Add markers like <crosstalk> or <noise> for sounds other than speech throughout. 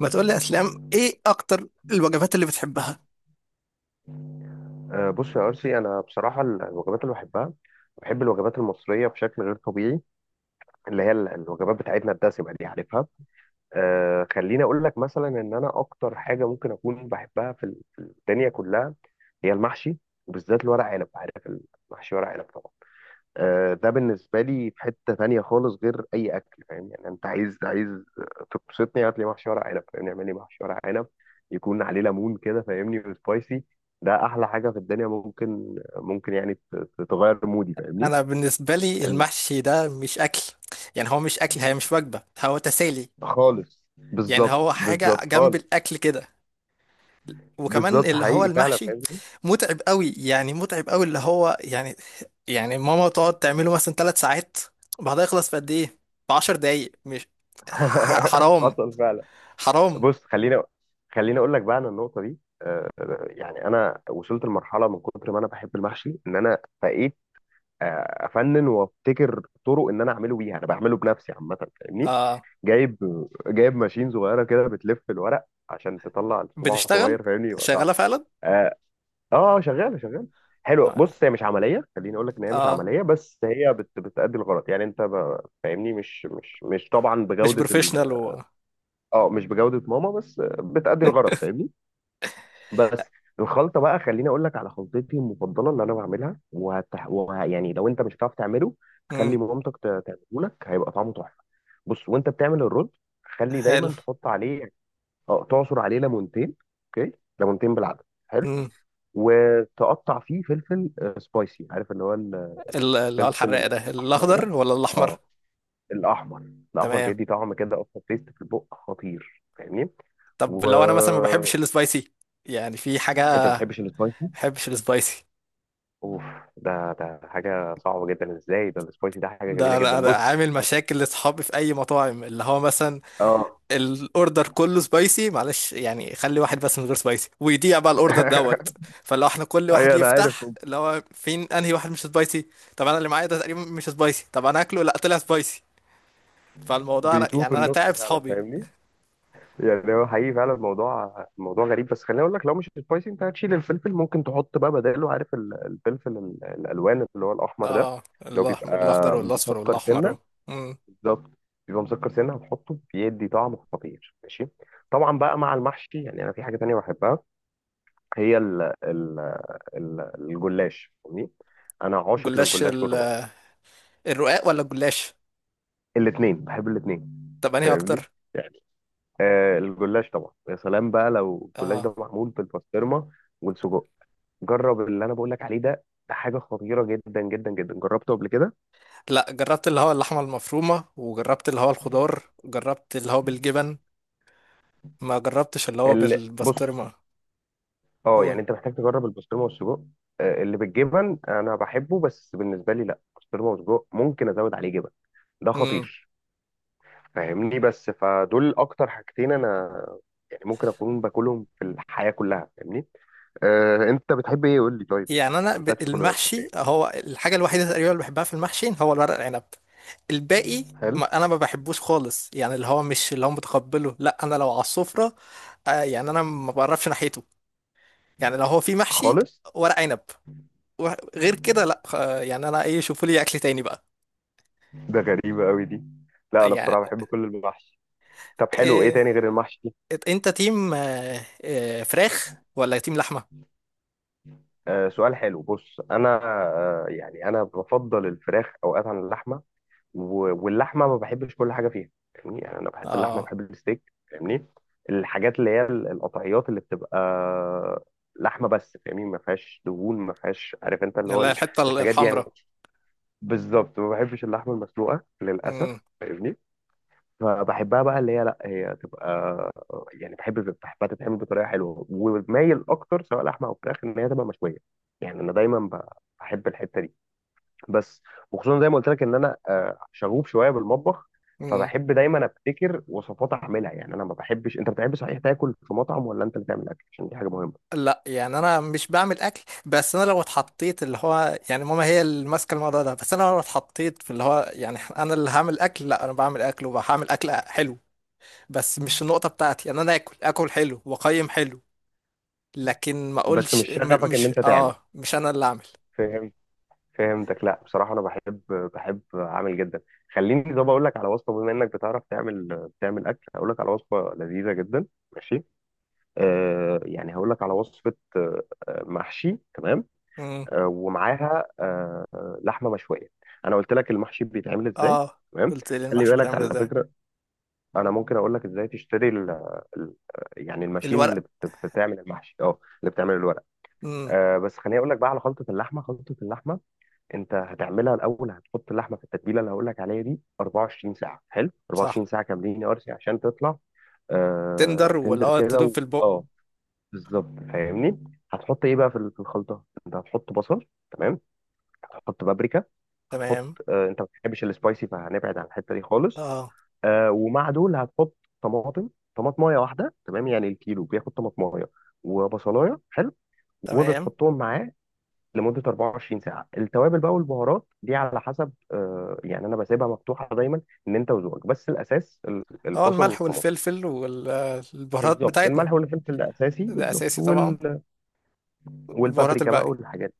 ما تقول لي اسلام، ايه اكتر الوجبات اللي بتحبها؟ آه، بص يا أرسي، أنا بصراحة الوجبات اللي بحبها، بحب الوجبات المصرية بشكل غير طبيعي. اللي هي الوجبات بتاعتنا الدسمة دي، عارفها. خليني أقول لك مثلا إن أنا أكتر حاجة ممكن أكون بحبها في الدنيا كلها هي المحشي، وبالذات الورق عنب، عارف؟ المحشي ورق عنب طبعا. ده بالنسبة لي في حتة تانية خالص غير أي أكل، فاهم؟ يعني أنت عايز تبسطني، هات لي محشي ورق عنب، فاهمني؟ اعمل لي محشي ورق عنب يكون عليه ليمون كده، فاهمني؟ وسبايسي. ده أحلى حاجة في الدنيا، ممكن يعني تغير مودي، فاهمني؟ انا بالنسبه لي ال- المحشي ده مش اكل. يعني هو مش اكل، هي مش وجبه، هو تسالي. خالص، يعني بالظبط هو حاجه بالظبط جنب خالص. الاكل كده. وكمان بالظبط اللي هو حقيقي فعلا، المحشي فاهمني. متعب قوي، يعني متعب قوي اللي هو يعني. يعني ماما تقعد تعمله مثلا ثلاث ساعات، بعدها يخلص في قد ايه؟ في 10 دقايق، مش <laughs> حرام، حصل فعلا. حرام. بص خلينا، خليني أقول لك بقى عن النقطة دي. يعني أنا وصلت لمرحلة من كتر ما أنا بحب المحشي إن أنا فقيت افنن وابتكر طرق ان انا اعمله بيها، انا بعمله بنفسي عامه، فاهمني؟ آه، جايب جايب ماشين صغيره كده بتلف الورق عشان تطلع الصباع بتشتغل، صغير، فاهمني؟ يبقى شغاله فعلا. اه. شغاله. حلو، اه، بص، هي مش عمليه، خليني اقول لك ان هي مش آه، عمليه، بس هي بتأدي الغرض، يعني انت فاهمني، مش طبعا مش بجوده بروفيشنال و... اه، مش بجوده ماما، بس بتأدي الغرض، فاهمني. بس الخلطه بقى، خليني اقول لك على خلطتي المفضله اللي انا بعملها. يعني لو انت مش هتعرف تعمله، مم، خلي مامتك تعمله لك، هيبقى طعمه تحفه. بص، وانت بتعمل الرز خلي حلو. دايما تحط عليه، اه، تعصر عليه ليمونتين. اوكي، ليمونتين بالعدد. حلو. وتقطع فيه فلفل، سبايسي، عارف اللي هو اللي هو الفلفل الحراق ده، الاحمر ده؟ الاخضر ولا الاحمر؟ اه الاحمر. الاحمر تمام. بيدي طعم كده، اصلا تيست في البق خطير، فاهمني. طب و لو انا مثلا ما بحبش السبايسي، يعني في حاجه، انت ما ما بتحبش السبايسي؟ بحبش السبايسي. اوف، ده حاجه صعبه جدا، ازاي؟ ده السبايسي ده حاجه ده جميله انا جدا، أنا بص. عامل مشاكل لاصحابي في اي مطاعم، اللي هو مثلا اه. الاوردر كله سبايسي، معلش يعني خلي واحد بس من غير سبايسي، ويضيع بقى الاوردر دوت. <laughs> فلو احنا كل واحد ايوه انا عارف، يفتح، اللي هو فين انهي واحد مش سبايسي؟ طب انا اللي معايا ده تقريبا مش سبايسي، طب انا اكله، لا طلع سبايسي. فالموضوع، أنا بيتوه في يعني انا النص تعب فعلا، صحابي. فاهمني. يعني هو حقيقي فعلا الموضوع، الموضوع غريب. بس خليني اقول لك، لو مش سبايسي انت هتشيل الفلفل، ممكن تحط بقى بداله، عارف الفلفل الالوان اللي هو الاحمر ده اه، اللي هو الاحمر، الاخضر بيبقى والاصفر مسكر سنه؟ والاحمر. بالظبط، بيبقى مسكر سنه، هتحطه بيدي طعم خطير، ماشي؟ طبعا بقى مع المحشي. يعني انا في حاجه تانيه بحبها، هي ال الجلاش، فاهمني. انا عاشق جلاش، للجلاش والرقاق، الرقاق ولا الجلاش؟ الاثنين، بحب الاثنين، طب انهي فاهمني. اكتر؟ يعني آه الجلاش طبعا. يا سلام بقى لو الجلاش اه، ده معمول بالبسطرمه والسجق، جرب اللي انا بقول لك عليه ده، ده حاجه خطيره جدا، جربته قبل كده؟ لا، جربت اللي هو اللحمه المفرومه، وجربت اللي هو الخضار، جربت اللي هو بالجبن، ما جربتش اللي هو بص، بالبسطرمه. اه، هو، يعني انت محتاج تجرب البسطرمه والسجق. اللي بالجبن انا بحبه، بس بالنسبه لي لا، بسطرمه وسجق ممكن ازود عليه جبن، ده امم خطير، فاهمني؟ بس فدول اكتر حاجتين انا يعني ممكن اكون باكلهم في الحياه كلها، فاهمني. آه انت بتحب ايه، قول لي طيب؟ يعني ما سالتكش كل ده بتحب المحشي ايه. هو الحاجه الوحيده تقريبا اللي بحبها في المحشي، هو الورق العنب. الباقي حلو. ما انا ما بحبوش خالص، يعني اللي هو مش اللي هو متقبله، لا انا لو على السفره، يعني انا ما بقربش ناحيته. يعني لو هو في محشي خالص. ورق عنب، وغير كده لا يعني انا ايه، شوفوا لي اكل تاني بقى. ده غريبه قوي دي، لا انا يعني بصراحه بحب كل المحشي. طب حلو، ايه إيه؟ تاني غير المحشي؟ إيه، انت تيم فراخ ولا تيم لحمه؟ آه سؤال حلو، بص انا، يعني انا بفضل الفراخ اوقات عن اللحمه. واللحمه ما بحبش كل حاجه فيها، فاهمني؟ يعني انا بحب اللحمه، اه، بحب الستيك، فاهمني. الحاجات اللي هي القطعيات اللي بتبقى لحمه بس، فاهمني؟ ما فيهاش دهون، ما فيهاش، عارف انت اللي هو لا، الحته الحاجات دي يعني. الحمراء. بالظبط، ما بحبش اللحمه المسلوقه للاسف، مم، فاهمني. فبحبها بقى اللي هي لا هي تبقى، يعني بحب، بحبها تتعمل بطريقه حلوه، ومايل اكتر سواء لحمه او فراخ ان هي تبقى مشويه. يعني انا دايما بحب الحته دي بس. وخصوصا زي ما قلت لك ان انا شغوف شويه بالمطبخ، مم. فبحب دايما ابتكر وصفات اعملها. يعني انا ما بحبش، انت بتحب صحيح تاكل في مطعم، ولا انت اللي تعمل اكل؟ عشان دي حاجه مهمه. لا يعني انا مش بعمل اكل، بس انا لو اتحطيت اللي هو يعني ماما هي اللي ماسكه الموضوع ده، بس انا لو اتحطيت في اللي هو يعني انا اللي هعمل اكل، لا انا بعمل اكل وهعمل اكل حلو. بس مش النقطه بتاعتي، يعني انا اكل اكل حلو واقيم حلو، لكن ما بس اقولش، مش شغفك ان مش انت تعمل، اه، مش انا اللي اعمل. فهمت، فهمتك. لا بصراحه انا بحب، بحب اعمل جدا. خليني طب اقول لك على وصفه، بما انك بتعرف تعمل، بتعمل اكل، اقول لك على وصفه لذيذه جدا، ماشي؟ يعني هقول لك على وصفه، محشي، تمام؟ مم. ومعاها لحمه مشويه. انا قلت لك المحشي بيتعمل ازاي، اه، تمام؟ قلت لي خلي المحشي بالك بتعمل على ازاي. فكره، انا ممكن اقول لك ازاي تشتري ال يعني الماشين اللي الورق. بتعمل المحشي، اه اللي بتعمل الورق. امم بس خليني اقول لك بقى على خلطه اللحمه. انت هتعملها الاول، هتحط اللحمه في التتبيله اللي هقول لك عليها دي 24 ساعه. حلو؟ صح. 24 ساعه كاملين يا ارسي عشان تطلع تندر، واللي تندر هو كده تدوب في البق، اه، بالظبط، فاهمني. هتحط ايه بقى في الخلطه؟ انت هتحط بصل، تمام؟ هتحط بابريكا. هتحط، تمام. انت ما بتحبش السبايسي، فهنبعد عن الحته دي خالص. اه، ومع دول هتحط طماطم. طماطمايه واحده، تمام؟ يعني الكيلو بياخد طماطمايه وبصلايه. حلو. تمام. وبتحطهم معاه لمده 24 ساعه. التوابل بقى والبهارات دي على حسب، يعني انا بسيبها مفتوحه دايما ان انت وذوقك، بس الاساس اه، البصل الملح والطماطم. والفلفل والبهارات بالظبط، بتاعتنا. الملح والفلفل الاساسي ده بالظبط. اساسي طبعا. البهارات والبابريكا بقى الباقية. والحاجات.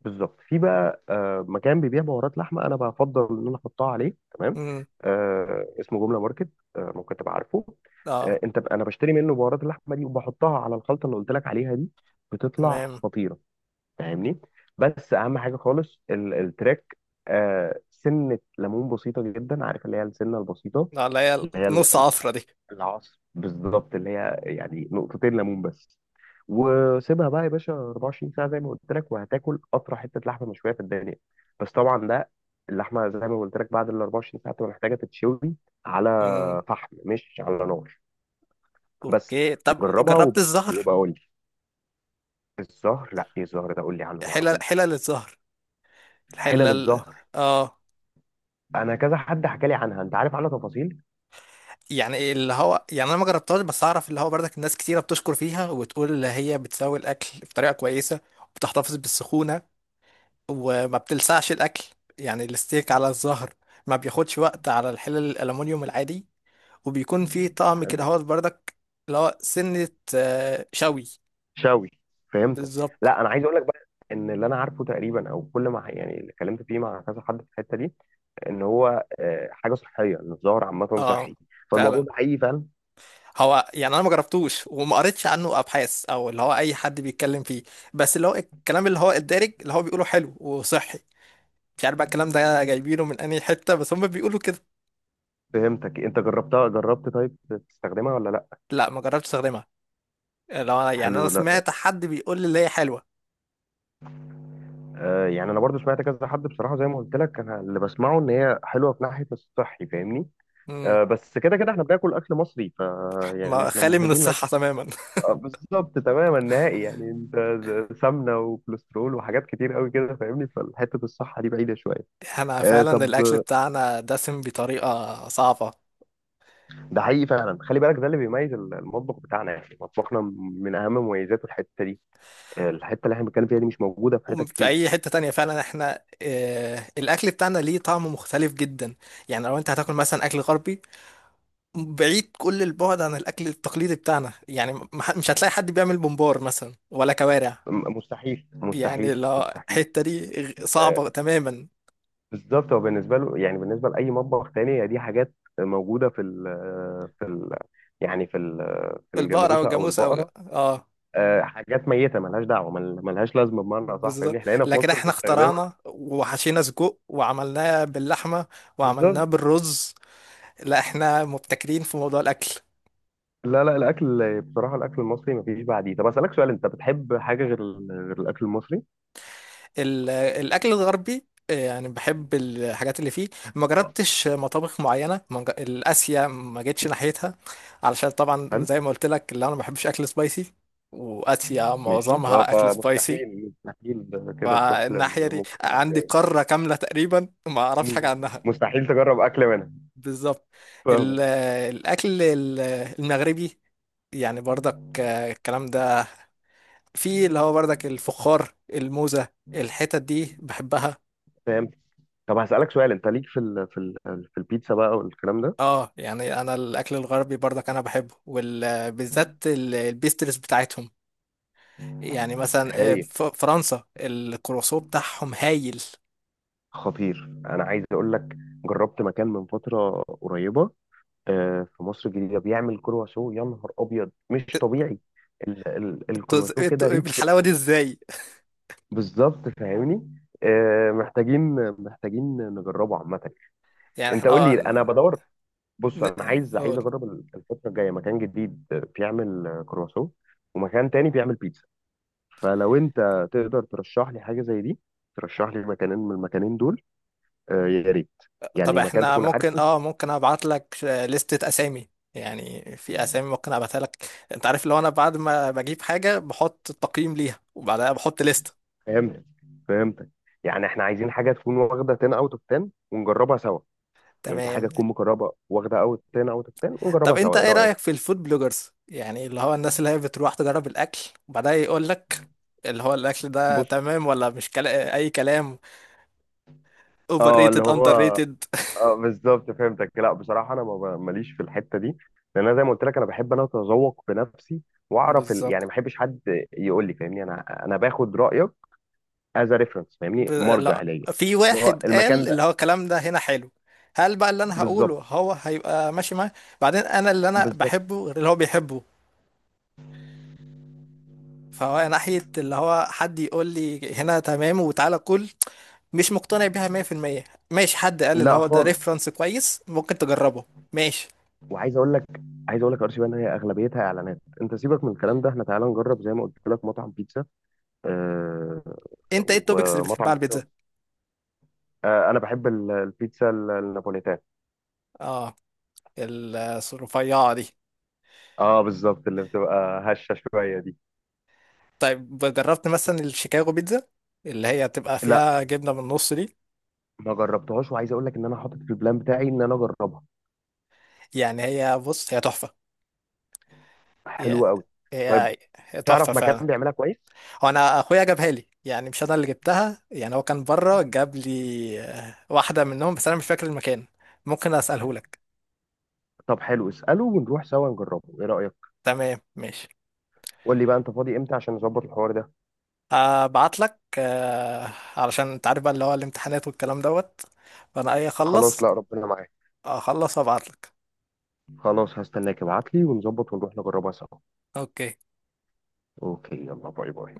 بالظبط. في بقى مكان بيبيع بهارات لحمه، انا بفضل ان انا احطها عليه، تمام؟ امم. اسمه جمله ماركت، ممكن تبقى عارفه. اه، انت انا بشتري منه بهارات اللحمه دي، وبحطها على الخلطه اللي قلت لك عليها دي، بتطلع تمام. خطيره، فاهمني. بس اهم حاجه خالص التراك، سنه ليمون بسيطه جدا، عارف اللي هي السنه البسيطه؟ اه، اللي هي اللي هي نص عفرة دي. العصر بالظبط، اللي هي يعني نقطتين ليمون بس. وسيبها بقى يا باشا 24 ساعه زي ما قلت لك، وهتاكل اطرى حته لحمه مشويه في الدنيا. بس طبعا ده اللحمه زي ما قلت لك، بعد ال 24 ساعه تبقى محتاجه تتشوي على امم. فحم، مش على نار. بس اوكي، طب جربها، جربت الزهر؟ وبقول لي. الزهر؟ لا، ايه الزهر ده، قول لي عنه ما حلل، اعرفوش. حلل الزهر، حلل الحلل. الزهر، اه انا كذا حد حكى لي عنها، انت عارف عنها تفاصيل؟ يعني إيه؟ اللي هو يعني انا ما جربتهاش، بس اعرف اللي هو برضك الناس كتيره بتشكر فيها، وتقول اللي هي بتساوي الاكل بطريقه كويسه، وبتحتفظ بالسخونه، وما بتلسعش الاكل. يعني الستيك على الظهر ما بياخدش وقت على الحلل الالومنيوم العادي، وبيكون فيه طعم كده هو بردك، اللي هو سنة، شوي. شوي، فهمتك. بالظبط. لا انا عايز اقول لك بقى ان اللي انا عارفه تقريبا، او كل ما يعني اللي اتكلمت فيه مع كذا حد في الحته دي، ان هو حاجه صحيه، ان الظاهر عامه اه، صحي، فالموضوع فعلا. ده حقيقي فعلا. هو يعني انا ما جربتوش وما قريتش عنه ابحاث، او اللي هو اي حد بيتكلم فيه، بس اللي هو الكلام اللي هو الدارج اللي هو بيقوله حلو وصحي. مش عارف بقى الكلام ده جايبينه من انهي حتة، بس هم بيقولوا كده. فهمتك، انت جربتها، جربت؟ طيب تستخدمها ولا لا؟ لا، ما جربتش استخدمها. لو يعني انا حلو. لا سمعت حد بيقول لي اللي هي حلوة. يعني انا برضو سمعت كذا حد، بصراحه زي ما قلت لك انا اللي بسمعه ان هي حلوه في ناحيه الصحي، فاهمني. آه، بس كده كده احنا بناكل اكل مصري، ف يعني ما احنا خالي من محبين لاكل. الصحة تماما <laughs> بالظبط تماما، نهائي. يعني انت سمنه وكوليسترول وحاجات كتير قوي كده، فاهمني؟ فالحته الصحه دي بعيده شويه. احنا آه فعلا طب، الأكل بتاعنا دسم بطريقة صعبة، ده حقيقي فعلا. خلي بالك، ده اللي بيميز المطبخ بتاعنا، يعني مطبخنا من اهم مميزاته الحته دي. الحته اللي احنا بنتكلم فيها دي مش موجوده في حته وفي كتير. أي حتة تانية فعلا احنا، اه، الأكل بتاعنا ليه طعم مختلف جدا. يعني لو أنت هتاكل مثلا أكل غربي، بعيد كل البعد عن الأكل التقليدي بتاعنا، يعني مش هتلاقي حد بيعمل بمبار مثلا ولا كوارع. مستحيل يعني مستحيل لو مستحيل الحتة دي آه صعبة تماما. بالظبط، هو بالنسبه له، يعني بالنسبه لاي مطبخ تاني هي دي حاجات موجوده في ال يعني في في البقرة أو الجاموسه او الجاموس أو البقره. اه، حاجات ميته ملهاش دعوه، ملهاش لازمه بمعنى صح، فاهمني؟ بالظبط. احنا هنا في لكن مصر احنا بنستخدمها. اخترعنا، وحشينا سجق وعملناه باللحمة، وعملناه بالظبط. بالرز. لا، احنا مبتكرين في موضوع الاكل. لا الاكل بصراحه، الاكل المصري مفيش بعديه. طب اسالك سؤال، انت بتحب حاجه غير غير الاكل المصري؟ الاكل الغربي يعني بحب الحاجات اللي فيه. ما جربتش مطابخ معينه، ما ج- الاسيا ما جيتش ناحيتها، علشان طبعا هل. زي ما قلت لك، اللي انا ما بحبش اكل سبايسي، واسيا ماشي. اه معظمها اكل سبايسي. فمستحيل، مستحيل كده تروح فالناحيه دي للمطبخ عندي المصري. قاره كامله تقريبا ما اعرفش حاجه مم. <laughs> عنها. مستحيل تجرب اكل منها. بالظبط. ال- فاهمك. الاكل المغربي يعني برضك، الكلام ده، في اللي هو بردك الفخار، الموزة، الحتت دي بحبها. فاهم. طب هسالك سؤال، انت ليك في ال في ال في البيتزا بقى والكلام ده؟ اه، يعني انا الاكل الغربي بردك انا بحبه، وبالذات البيسترز بتاعتهم. يعني مثلا هايل. فرنسا الكروسو بتاعهم هايل. خطير. انا عايز اقول لك، جربت مكان من فتره قريبه، في مصر الجديدة، بيعمل كرواسو يا نهار أبيض، مش طبيعي. ال انتوا الكرواسو كده انتوا ريتش بالحلاوة دي قوي، ازاي؟ بالظبط فاهمني. محتاجين نجربه عامة. يعني أنت احنا قول اه لي، أنا بدور. بص، أنا عايز قول. أجرب الفترة الجاية مكان جديد بيعمل كرواسو، ومكان تاني بيعمل بيتزا. فلو أنت تقدر ترشح لي حاجة زي دي، ترشح لي مكانين من المكانين دول، يا ريت. طب يعني مكان احنا تكون ممكن عارفه. اه ممكن ابعت لك لستة اسامي، يعني في اسامي ممكن ابعتها لك. انت عارف لو انا بعد ما بجيب حاجة بحط تقييم ليها، وبعدها بحط لستة. فهمتك، فهمتك. يعني احنا عايزين حاجه تكون واخده 10 اوت اوف 10 ونجربها سوا. يعني انت حاجه تمام. تكون مقربه واخده اوت 10 اوت اوف 10 ونجربها طب انت سوا، ايه ايه رايك؟ رأيك في الفود بلوجرز، يعني اللي هو الناس اللي هي بتروح تجرب الاكل، وبعدها يقول لك اللي هو الاكل ده بص، تمام ولا مش اي كلام، اوفر اه اللي ريتد، هو، اندر ريتد. اه بالظبط فهمتك. لا بصراحه انا ما ب- ماليش في الحته دي، لان انا زي ما قلت لك انا بحب انا اتذوق بنفسي، <laughs> واعرف يعني ما بالظبط. بحبش حد يقول لي، فاهمني؟ انا باخد رايك از ريفرنس، فاهمني؟ مرجع لا، ليا. في اللي هو واحد المكان قال اللي ده، هو الكلام ده هنا حلو، هل بقى اللي انا بالظبط. هقوله هو هيبقى ماشي معاه؟ بعدين انا اللي انا بالظبط. بحبه غير اللي هو بيحبه. فهو ناحية اللي هو حد يقول لي هنا تمام وتعالى كل، مش مقتنع بيها 100%. ماشي حد قال اللي لا هو ده خالص. ريفرنس كويس، ممكن تجربه. ماشي. وعايز اقول لك، عايز اقول لك ارشي بان هي اغلبيتها اعلانات، انت سيبك من الكلام ده، احنا تعالى نجرب زي ما قلت لك مطعم بيتزا. آه. انت ايه التوبكس اللي بتحبها ومطعم على البيتزا؟ بيتزا، آه، انا بحب البيتزا النابوليتان. اه، ال- الرفيعه دي. اه بالظبط، اللي بتبقى هشه شويه دي. طيب جربت مثلا الشيكاغو بيتزا، اللي هي تبقى لا فيها جبنه من النص دي؟ ما جربتهاش، وعايز اقول لك ان انا حاطط في البلان بتاعي ان انا اجربها. يعني هي، بص، هي تحفه. هي حلوه قوي. طيب، هي تحفه تعرف مكان فعلا. بيعملها كويس؟ هو انا اخويا جابها لي، يعني مش انا اللي جبتها، يعني هو كان بره جاب لي واحده منهم، بس انا مش فاكر المكان، ممكن اساله لك. طب حلو، اساله ونروح سوا نجربه، ايه رايك؟ تمام، ماشي. قول لي بقى انت فاضي امتى عشان نظبط الحوار ده. ابعت لك، علشان انت عارف بقى اللي هو الامتحانات والكلام دوت. فانا اي خلاص، اخلص، لا ربنا معاك. اخلص وابعت لك. خلاص هستناك، ابعت لي ونظبط ونروح نجربها سوا. اوكي. اوكي. يلا، باي باي.